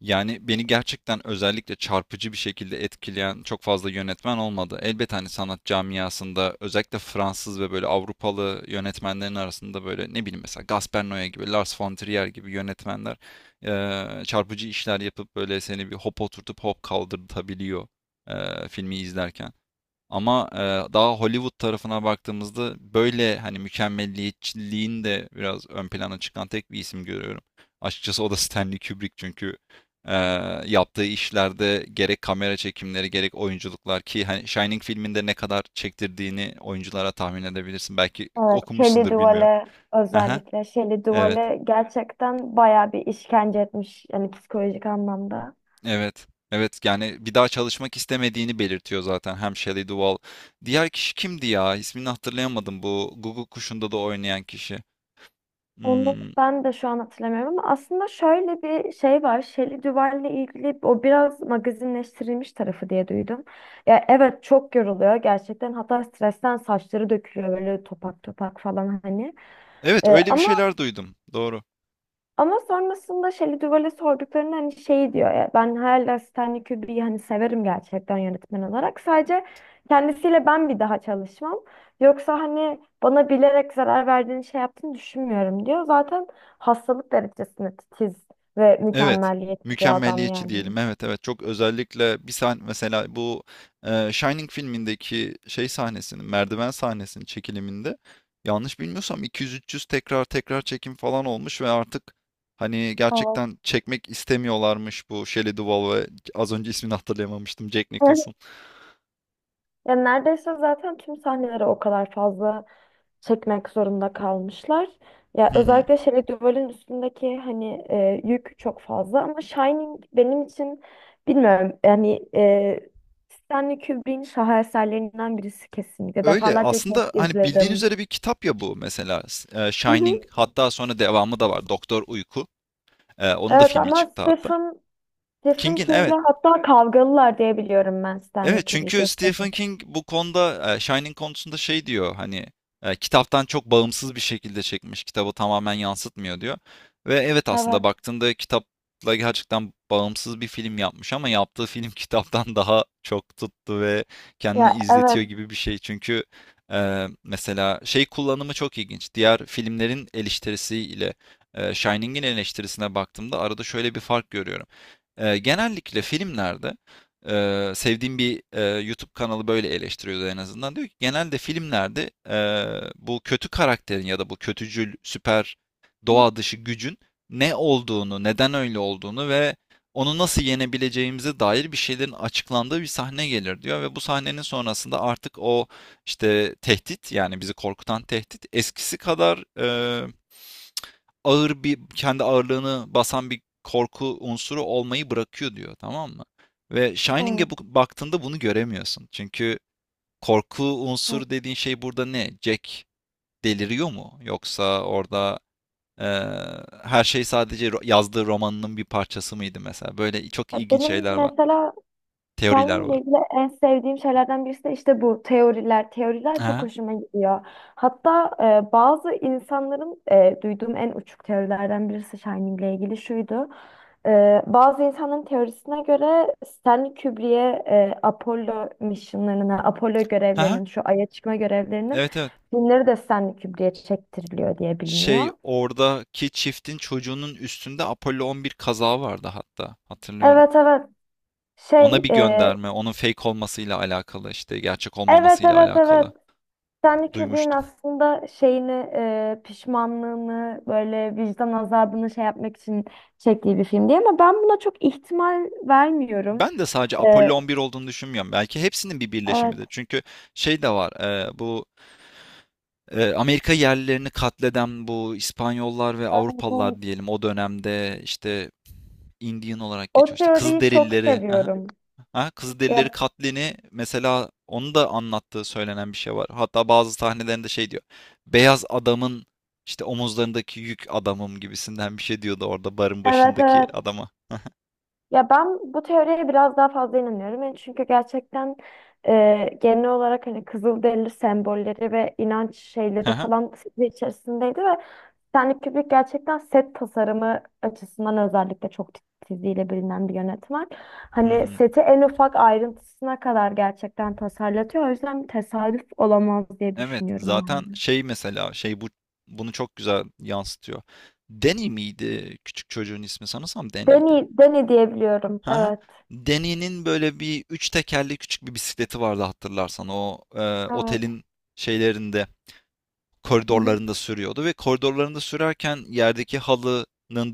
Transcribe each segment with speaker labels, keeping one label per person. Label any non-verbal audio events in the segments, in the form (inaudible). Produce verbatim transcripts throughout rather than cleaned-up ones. Speaker 1: Yani beni gerçekten özellikle çarpıcı bir şekilde etkileyen çok fazla yönetmen olmadı. Elbet hani sanat camiasında özellikle Fransız ve böyle Avrupalı yönetmenlerin arasında böyle ne bileyim mesela Gaspar Noé gibi, Lars von Trier gibi yönetmenler eee, çarpıcı işler yapıp böyle seni bir hop oturtup hop kaldırtabiliyor eee, filmi izlerken. Ama e, daha Hollywood tarafına baktığımızda böyle hani mükemmelliyetçiliğin de biraz ön plana çıkan tek bir isim görüyorum. Açıkçası o da Stanley Kubrick çünkü e, yaptığı işlerde gerek kamera çekimleri gerek oyunculuklar ki hani Shining filminde ne kadar çektirdiğini oyunculara tahmin edebilirsin. Belki
Speaker 2: Evet, Shelley
Speaker 1: okumuşsundur bilmiyorum.
Speaker 2: Duvall'e
Speaker 1: Haha,
Speaker 2: özellikle Shelley
Speaker 1: evet,
Speaker 2: Duvall'e gerçekten bayağı bir işkence etmiş, yani psikolojik anlamda.
Speaker 1: evet, evet. Yani bir daha çalışmak istemediğini belirtiyor zaten hem Shelley Duvall. Diğer kişi kimdi ya? İsmini hatırlayamadım bu Guguk Kuşu'nda da oynayan kişi.
Speaker 2: Onu
Speaker 1: Hmm,
Speaker 2: ben de şu an hatırlamıyorum, ama aslında şöyle bir şey var. Shelley Duvall'le ilgili o biraz magazinleştirilmiş tarafı diye duydum. Ya evet, çok yoruluyor gerçekten. Hatta stresten saçları dökülüyor, böyle topak topak falan hani.
Speaker 1: evet
Speaker 2: Ee,
Speaker 1: öyle bir
Speaker 2: ama
Speaker 1: şeyler duydum. Doğru.
Speaker 2: Ama sonrasında Shelley Duvall'e sorduklarında hani şey diyor ya, ben hala Stanley Kubrick'i hani severim gerçekten yönetmen olarak. Sadece kendisiyle ben bir daha çalışmam. Yoksa hani bana bilerek zarar verdiğini, şey yaptığını düşünmüyorum diyor. Zaten hastalık derecesinde titiz ve
Speaker 1: Evet.
Speaker 2: mükemmeliyetçi bir adam
Speaker 1: Mükemmeliyetçi
Speaker 2: yani.
Speaker 1: diyelim. Evet evet çok özellikle bir sahne mesela bu e, Shining filmindeki şey sahnesinin merdiven sahnesinin çekiliminde yanlış bilmiyorsam iki yüz üç yüz tekrar tekrar çekim falan olmuş ve artık hani
Speaker 2: Evet.
Speaker 1: gerçekten çekmek istemiyorlarmış bu Shelley Duvall ve az önce ismini hatırlayamamıştım Jack Nicholson.
Speaker 2: (laughs) Ya neredeyse zaten tüm sahneleri o kadar fazla çekmek zorunda kalmışlar. Ya
Speaker 1: Hı hı.
Speaker 2: özellikle şey duvarın üstündeki hani e, yük çok fazla, ama Shining benim için bilmiyorum yani, e, Stanley Kubrick'in şaheserlerinden birisi kesinlikle.
Speaker 1: Öyle
Speaker 2: Defalarca kez
Speaker 1: aslında hani bildiğin
Speaker 2: izledim.
Speaker 1: üzere bir kitap ya bu mesela S- e,
Speaker 2: Hı
Speaker 1: Shining,
Speaker 2: hı.
Speaker 1: hatta sonra devamı da var, Doktor Uyku. Ee, onun da
Speaker 2: Evet,
Speaker 1: filmi
Speaker 2: ama
Speaker 1: çıktı hatta.
Speaker 2: Stephen Stephen
Speaker 1: King'in, evet.
Speaker 2: King'le hatta kavgalılar diye biliyorum ben Stanley
Speaker 1: Evet çünkü
Speaker 2: Kubrick'le.
Speaker 1: Stephen King bu konuda e, Shining konusunda şey diyor hani e, kitaptan çok bağımsız bir şekilde çekmiş, kitabı tamamen yansıtmıyor diyor. Ve evet aslında
Speaker 2: Evet.
Speaker 1: baktığında kitapla gerçekten bağımsız bir film yapmış ama yaptığı film (laughs) kitaptan daha çok tuttu ve kendini
Speaker 2: Ya evet.
Speaker 1: izletiyor gibi bir şey. Çünkü e, mesela şey kullanımı çok ilginç. Diğer filmlerin eleştirisiyle e, Shining'in eleştirisine baktığımda arada şöyle bir fark görüyorum. E, genellikle filmlerde, Eee, sevdiğim bir eee, YouTube kanalı böyle eleştiriyordu en azından. Diyor ki genelde filmlerde eee, bu kötü karakterin ya da bu kötücül süper doğa dışı gücün ne olduğunu, neden öyle olduğunu ve onu nasıl yenebileceğimize dair bir şeylerin açıklandığı bir sahne gelir diyor ve bu sahnenin sonrasında artık o işte tehdit, yani bizi korkutan tehdit, eskisi kadar eee ağır bir, kendi ağırlığını basan bir korku unsuru olmayı bırakıyor diyor, tamam mı? Ve Shining'e
Speaker 2: Evet,
Speaker 1: bu, baktığında bunu göremiyorsun. Çünkü korku
Speaker 2: evet.
Speaker 1: unsuru dediğin şey burada ne? Jack deliriyor mu? Yoksa orada eee, her şey sadece ro- yazdığı romanının bir parçası mıydı mesela? Böyle çok
Speaker 2: Ya
Speaker 1: ilginç
Speaker 2: benim
Speaker 1: şeyler var,
Speaker 2: mesela
Speaker 1: teoriler
Speaker 2: Shining ile
Speaker 1: var.
Speaker 2: ilgili en sevdiğim şeylerden birisi de işte bu teoriler. Teoriler çok
Speaker 1: Ha?
Speaker 2: hoşuma gidiyor. Hatta e, bazı insanların, e, duyduğum en uçuk teorilerden birisi Shining ile ilgili şuydu. E, bazı insanların teorisine göre Stanley Kubrick'e, e, Apollo misyonlarına, Apollo
Speaker 1: Ha?
Speaker 2: görevlerinin, şu Ay'a çıkma görevlerinin
Speaker 1: Evet evet.
Speaker 2: filmleri de Stanley Kubrick'e çektiriliyor diye
Speaker 1: Şey,
Speaker 2: biliniyor.
Speaker 1: oradaki çiftin çocuğunun üstünde Apollo on bir kazağı vardı hatta, hatırlıyorum.
Speaker 2: Evet, evet. Şey,
Speaker 1: Ona bir
Speaker 2: e,
Speaker 1: gönderme, onun fake olmasıyla alakalı, işte gerçek
Speaker 2: evet,
Speaker 1: olmamasıyla
Speaker 2: evet,
Speaker 1: alakalı
Speaker 2: evet. Stanley Kubrick'in
Speaker 1: duymuştum.
Speaker 2: aslında şeyini, e, pişmanlığını, böyle vicdan azabını şey yapmak için çektiği bir film diye, ama ben buna çok ihtimal vermiyorum.
Speaker 1: Ben de sadece
Speaker 2: E,
Speaker 1: Apollo on bir olduğunu düşünmüyorum. Belki hepsinin bir
Speaker 2: evet,
Speaker 1: birleşimidir. Çünkü şey de var, e, bu e, Amerika yerlilerini katleden bu İspanyollar ve
Speaker 2: evet.
Speaker 1: Avrupalılar diyelim, o dönemde işte Indian olarak
Speaker 2: O
Speaker 1: geçiyor işte,
Speaker 2: teoriyi çok
Speaker 1: Kızılderilileri. Aha.
Speaker 2: seviyorum.
Speaker 1: Ha, Kızılderilileri
Speaker 2: Ya,
Speaker 1: katlini mesela onu da anlattığı söylenen bir şey var. Hatta bazı sahnelerinde şey diyor. Beyaz adamın işte omuzlarındaki yük adamım gibisinden bir şey diyordu orada barın
Speaker 2: evet,
Speaker 1: başındaki
Speaker 2: evet.
Speaker 1: adama.
Speaker 2: Ya ben bu teoriye biraz daha fazla inanıyorum. Yani çünkü gerçekten e, genel olarak hani Kızılderili sembolleri ve inanç
Speaker 1: Hı
Speaker 2: şeyleri
Speaker 1: hı.
Speaker 2: falan içerisindeydi, ve Stanley Kubrick gerçekten set tasarımı açısından özellikle çok titizliğiyle bilinen bir yönetmen.
Speaker 1: Hı
Speaker 2: Hani
Speaker 1: hı.
Speaker 2: seti en ufak ayrıntısına kadar gerçekten tasarlatıyor. O yüzden tesadüf olamaz diye
Speaker 1: Evet,
Speaker 2: düşünüyorum ben
Speaker 1: zaten
Speaker 2: de.
Speaker 1: şey mesela şey bu bunu çok güzel yansıtıyor. Danny miydi küçük çocuğun ismi? Sanırsam Danny'ydi.
Speaker 2: Deni, Deni diyebiliyorum.
Speaker 1: Hı hı.
Speaker 2: Evet.
Speaker 1: Danny'nin böyle bir üç tekerli küçük bir bisikleti vardı, hatırlarsan o e,
Speaker 2: Evet.
Speaker 1: otelin şeylerinde,
Speaker 2: Hı hı.
Speaker 1: koridorlarında sürüyordu ve koridorlarında sürerken yerdeki halının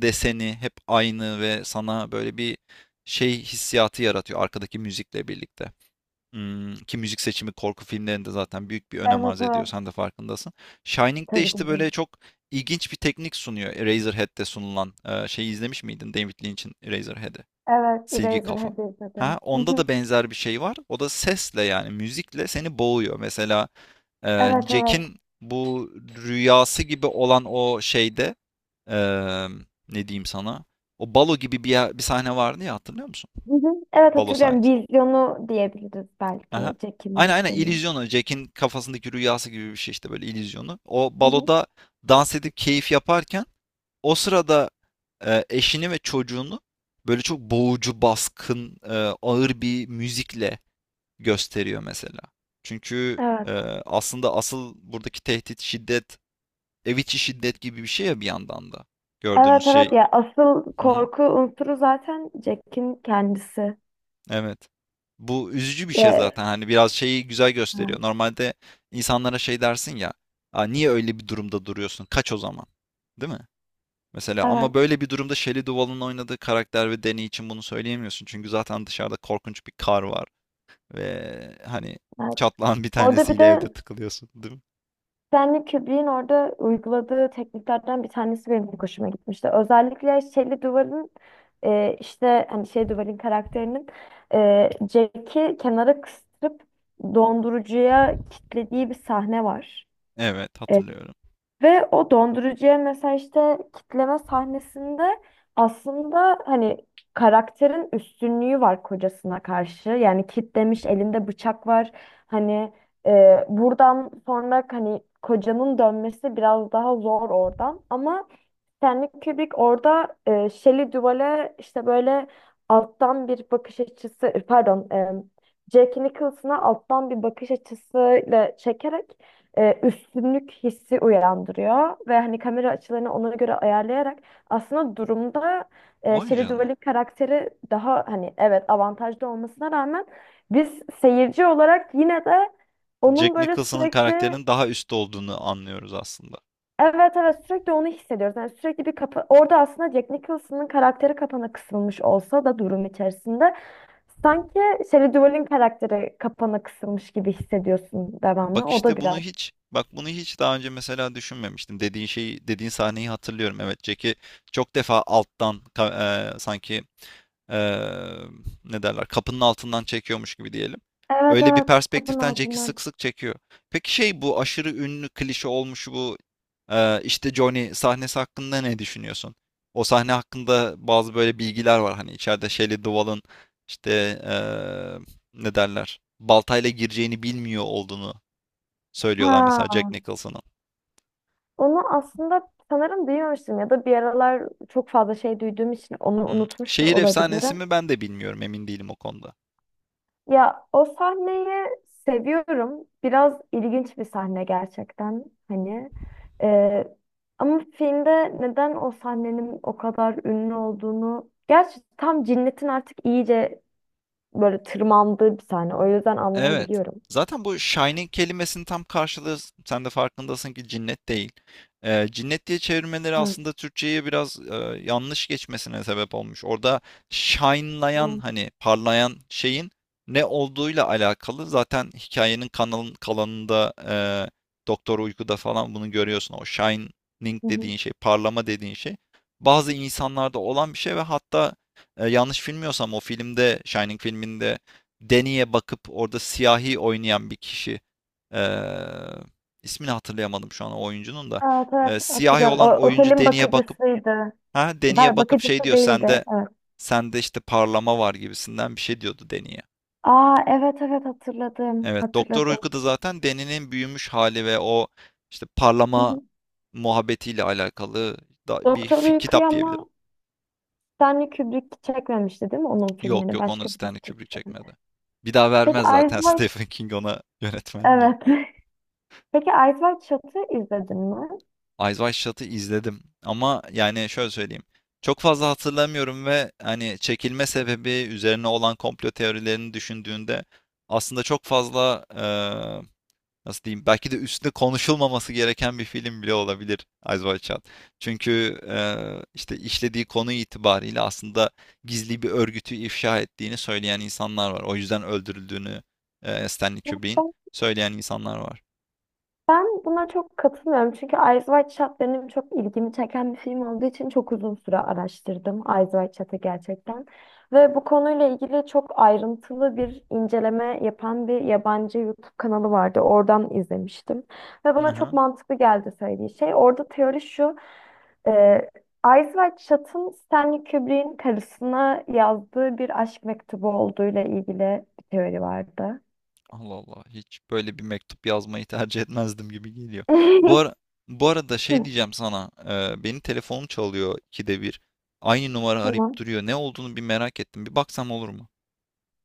Speaker 1: deseni hep aynı ve sana böyle bir şey hissiyatı yaratıyor arkadaki müzikle birlikte. Hmm, ki müzik seçimi korku filmlerinde zaten büyük bir önem
Speaker 2: Evet,
Speaker 1: arz ediyor.
Speaker 2: evet.
Speaker 1: Sen de farkındasın. Shining'de
Speaker 2: Tabii ki
Speaker 1: işte
Speaker 2: de.
Speaker 1: böyle çok ilginç bir teknik sunuyor. Eraserhead'de sunulan e, şeyi izlemiş miydin? David Lynch'in Eraserhead'i.
Speaker 2: Evet.
Speaker 1: Silgi kafa.
Speaker 2: Eraserhead'i
Speaker 1: Ha,
Speaker 2: izledim. Hı
Speaker 1: onda
Speaker 2: hı.
Speaker 1: da benzer bir şey var. O da sesle, yani müzikle seni boğuyor. Mesela ee,
Speaker 2: Evet, evet.
Speaker 1: Jack'in bu rüyası gibi olan o şeyde, ee, ne diyeyim sana? O balo gibi bir, yer- bir sahne vardı ya, hatırlıyor musun?
Speaker 2: Hı hı. Evet,
Speaker 1: Balo
Speaker 2: hatırlıyorum.
Speaker 1: sahnesi.
Speaker 2: Vizyonu diyebiliriz belki.
Speaker 1: Aha.
Speaker 2: Jack'in
Speaker 1: Aynen aynen,
Speaker 2: vizyonu.
Speaker 1: illüzyonu. Jack'in kafasındaki rüyası gibi bir şey işte, böyle illüzyonu. O
Speaker 2: Hı hı.
Speaker 1: baloda dans edip keyif yaparken o sırada e, eşini ve çocuğunu böyle çok boğucu, baskın, e, ağır bir müzikle gösteriyor mesela. Çünkü e,
Speaker 2: Evet.
Speaker 1: aslında asıl buradaki tehdit, şiddet, ev içi şiddet gibi bir şey ya bir yandan da.
Speaker 2: Evet,
Speaker 1: Gördüğümüz şey.
Speaker 2: evet, ya asıl
Speaker 1: Hı hı,
Speaker 2: korku unsuru zaten Jack'in kendisi.
Speaker 1: evet. Bu üzücü bir şey
Speaker 2: Ya,
Speaker 1: zaten. Hani biraz şeyi güzel gösteriyor.
Speaker 2: evet,
Speaker 1: Normalde insanlara şey dersin ya. Aa, niye öyle bir durumda duruyorsun? Kaç o zaman. Değil mi? Mesela ama
Speaker 2: evet.
Speaker 1: böyle bir durumda Shelley Duvall'ın oynadığı karakter ve Dany için bunu söyleyemiyorsun. Çünkü zaten dışarıda korkunç bir kar var. Ve hani
Speaker 2: Evet.
Speaker 1: çatlağın bir
Speaker 2: Orada bir
Speaker 1: tanesiyle evde
Speaker 2: de
Speaker 1: tıkılıyorsun, değil mi?
Speaker 2: Stanley Kubrick'in orada uyguladığı tekniklerden bir tanesi benim çok hoşuma gitmişti. Özellikle şeyli duvarın, e, işte hani şey duvarın karakterinin, e, Jack'i kenara kıstırıp dondurucuya kilitlediği bir sahne var.
Speaker 1: Evet,
Speaker 2: E,
Speaker 1: hatırlıyorum.
Speaker 2: Ve o dondurucuya mesela işte kitleme sahnesinde aslında hani karakterin üstünlüğü var kocasına karşı. Yani kitlemiş, elinde bıçak var. Hani e, buradan sonra hani kocanın dönmesi biraz daha zor oradan. Ama Stanley Kubrick orada, e, Shelley Duvall'e işte böyle alttan bir bakış açısı, e, pardon e, Jack Nicholson'a alttan bir bakış açısıyla çekerek e, üstünlük hissi uyandırıyor ve hani kamera açılarını ona göre ayarlayarak aslında durumda e,
Speaker 1: Vay
Speaker 2: Shelley
Speaker 1: canına.
Speaker 2: Duvall'in karakteri daha hani evet avantajlı olmasına rağmen biz seyirci olarak yine de onun
Speaker 1: Jack
Speaker 2: böyle
Speaker 1: Nicholson'ın
Speaker 2: sürekli.
Speaker 1: karakterinin daha üstte olduğunu anlıyoruz aslında.
Speaker 2: Evet, evet, sürekli onu hissediyoruz. Yani sürekli bir kapa orada, aslında Jack Nicholson'ın karakteri kapana kısılmış olsa da durum içerisinde sanki Shelley Duvall'in karakteri kapana kısılmış gibi hissediyorsun devamlı.
Speaker 1: Bak
Speaker 2: O da
Speaker 1: işte bunu
Speaker 2: biraz.
Speaker 1: hiç, bak bunu hiç daha önce mesela düşünmemiştim. Dediğin şeyi, dediğin sahneyi hatırlıyorum. Evet, Jack'i çok defa alttan ka- e, sanki e, ne derler, kapının altından çekiyormuş gibi diyelim.
Speaker 2: Evet,
Speaker 1: Öyle bir
Speaker 2: evet, kapının
Speaker 1: perspektiften Jack'i sık
Speaker 2: altından.
Speaker 1: sık çekiyor. Peki şey, bu aşırı ünlü klişe olmuş bu e, işte Johnny sahnesi hakkında ne düşünüyorsun? O sahne hakkında bazı böyle bilgiler var, hani içeride Shelley Duvall'ın işte e, ne derler, baltayla gireceğini bilmiyor olduğunu söylüyorlar mesela
Speaker 2: Ha.
Speaker 1: Jack Nicholson'ın.
Speaker 2: Onu aslında sanırım duymamıştım, ya da bir aralar çok fazla şey duyduğum için onu
Speaker 1: Hmm.
Speaker 2: unutmuş da
Speaker 1: Şehir efsanesi
Speaker 2: olabilirim.
Speaker 1: mi, ben de bilmiyorum, emin değilim o konuda.
Speaker 2: Ya o sahneyi seviyorum. Biraz ilginç bir sahne gerçekten hani. Ee, Ama filmde neden o sahnenin o kadar ünlü olduğunu... Gerçi tam cinnetin artık iyice böyle tırmandığı bir sahne. O yüzden
Speaker 1: Evet.
Speaker 2: anlayabiliyorum.
Speaker 1: Zaten bu shining kelimesinin tam karşılığı, sen de farkındasın ki, cinnet değil. Eee, cinnet diye çevirmeleri
Speaker 2: Evet.
Speaker 1: aslında Türkçe'ye biraz, eee, yanlış geçmesine sebep olmuş. Orada shine'layan,
Speaker 2: Evet.
Speaker 1: hani parlayan şeyin ne olduğuyla alakalı. Zaten hikayenin kanalın kalanında, eee, Doktor Uyku'da falan bunu görüyorsun. O shining
Speaker 2: Hı hı.
Speaker 1: dediğin şey, parlama dediğin şey bazı insanlarda olan bir şey ve hatta, eee, yanlış bilmiyorsam o filmde, Shining filminde, Deni'ye bakıp orada siyahi oynayan bir kişi, eee, ismini hatırlayamadım şu an o oyuncunun da.
Speaker 2: Evet, evet,
Speaker 1: Eee, siyahi
Speaker 2: hatırlıyorum. O,
Speaker 1: olan oyuncu
Speaker 2: otelin
Speaker 1: Deni'ye bakıp,
Speaker 2: bakıcısıydı.
Speaker 1: ha Deni'ye
Speaker 2: Ver
Speaker 1: bakıp şey
Speaker 2: bakıcısı
Speaker 1: diyor,
Speaker 2: değildi.
Speaker 1: sende
Speaker 2: Evet.
Speaker 1: sende işte parlama var gibisinden bir şey diyordu Deni'ye.
Speaker 2: Aa, evet, evet, hatırladım.
Speaker 1: Evet, Doktor
Speaker 2: Hatırladım.
Speaker 1: Uyku'da zaten Deni'nin büyümüş hali ve o işte
Speaker 2: Hı
Speaker 1: parlama
Speaker 2: hı.
Speaker 1: muhabbetiyle alakalı da bir
Speaker 2: Doktor
Speaker 1: fi-
Speaker 2: uykuyor,
Speaker 1: kitap diyebilirim.
Speaker 2: ama Stanley Kubrick çekmemişti değil mi onun
Speaker 1: Yok
Speaker 2: filmini?
Speaker 1: yok, onu
Speaker 2: Başka birisi
Speaker 1: Stanley Kubrick
Speaker 2: çekti.
Speaker 1: çekmedi. Bir daha
Speaker 2: Peki
Speaker 1: vermez
Speaker 2: Eyes
Speaker 1: zaten (laughs)
Speaker 2: Wide,
Speaker 1: Stephen King ona yönetmenliği.
Speaker 2: evet. (laughs) Peki Eyes Wide Shut'ı izledin mi?
Speaker 1: Eyes Wide Shut'ı izledim ama yani şöyle söyleyeyim. Çok fazla hatırlamıyorum ve hani çekilme sebebi üzerine olan komplo teorilerini düşündüğünde aslında çok fazla, eee, nasıl diyeyim, belki de üstüne konuşulmaması gereken bir film bile olabilir Eyes Wide Shut. Çünkü eee, işte işlediği konu itibariyle aslında gizli bir örgütü ifşa ettiğini söyleyen insanlar var. O yüzden öldürüldüğünü eee Stanley
Speaker 2: Ben
Speaker 1: Kubrick'in söyleyen insanlar var.
Speaker 2: ben buna çok katılmıyorum. Çünkü Eyes Wide Shut benim çok ilgimi çeken bir film olduğu için çok uzun süre araştırdım Eyes Wide Shut'ı gerçekten. Ve bu konuyla ilgili çok ayrıntılı bir inceleme yapan bir yabancı YouTube kanalı vardı. Oradan izlemiştim. Ve bana çok
Speaker 1: Aha.
Speaker 2: mantıklı geldi söylediği şey. Orada teori şu. Ee, Eyes Wide Shut'ın Stanley Kubrick'in karısına yazdığı bir aşk mektubu olduğuyla ilgili bir teori vardı.
Speaker 1: Allah Allah, hiç böyle bir mektup yazmayı tercih etmezdim gibi geliyor. Bu ara,
Speaker 2: (laughs)
Speaker 1: bu arada şey
Speaker 2: Hı.
Speaker 1: diyeceğim sana. e, benim telefonum çalıyor ikide bir. Aynı numara arayıp
Speaker 2: Tamam.
Speaker 1: duruyor. Ne olduğunu bir merak ettim. Bir baksam olur mu?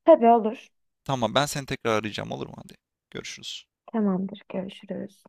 Speaker 2: Tabii, olur.
Speaker 1: Tamam, ben seni tekrar arayacağım, olur mu? Hadi görüşürüz.
Speaker 2: Tamamdır. Görüşürüz.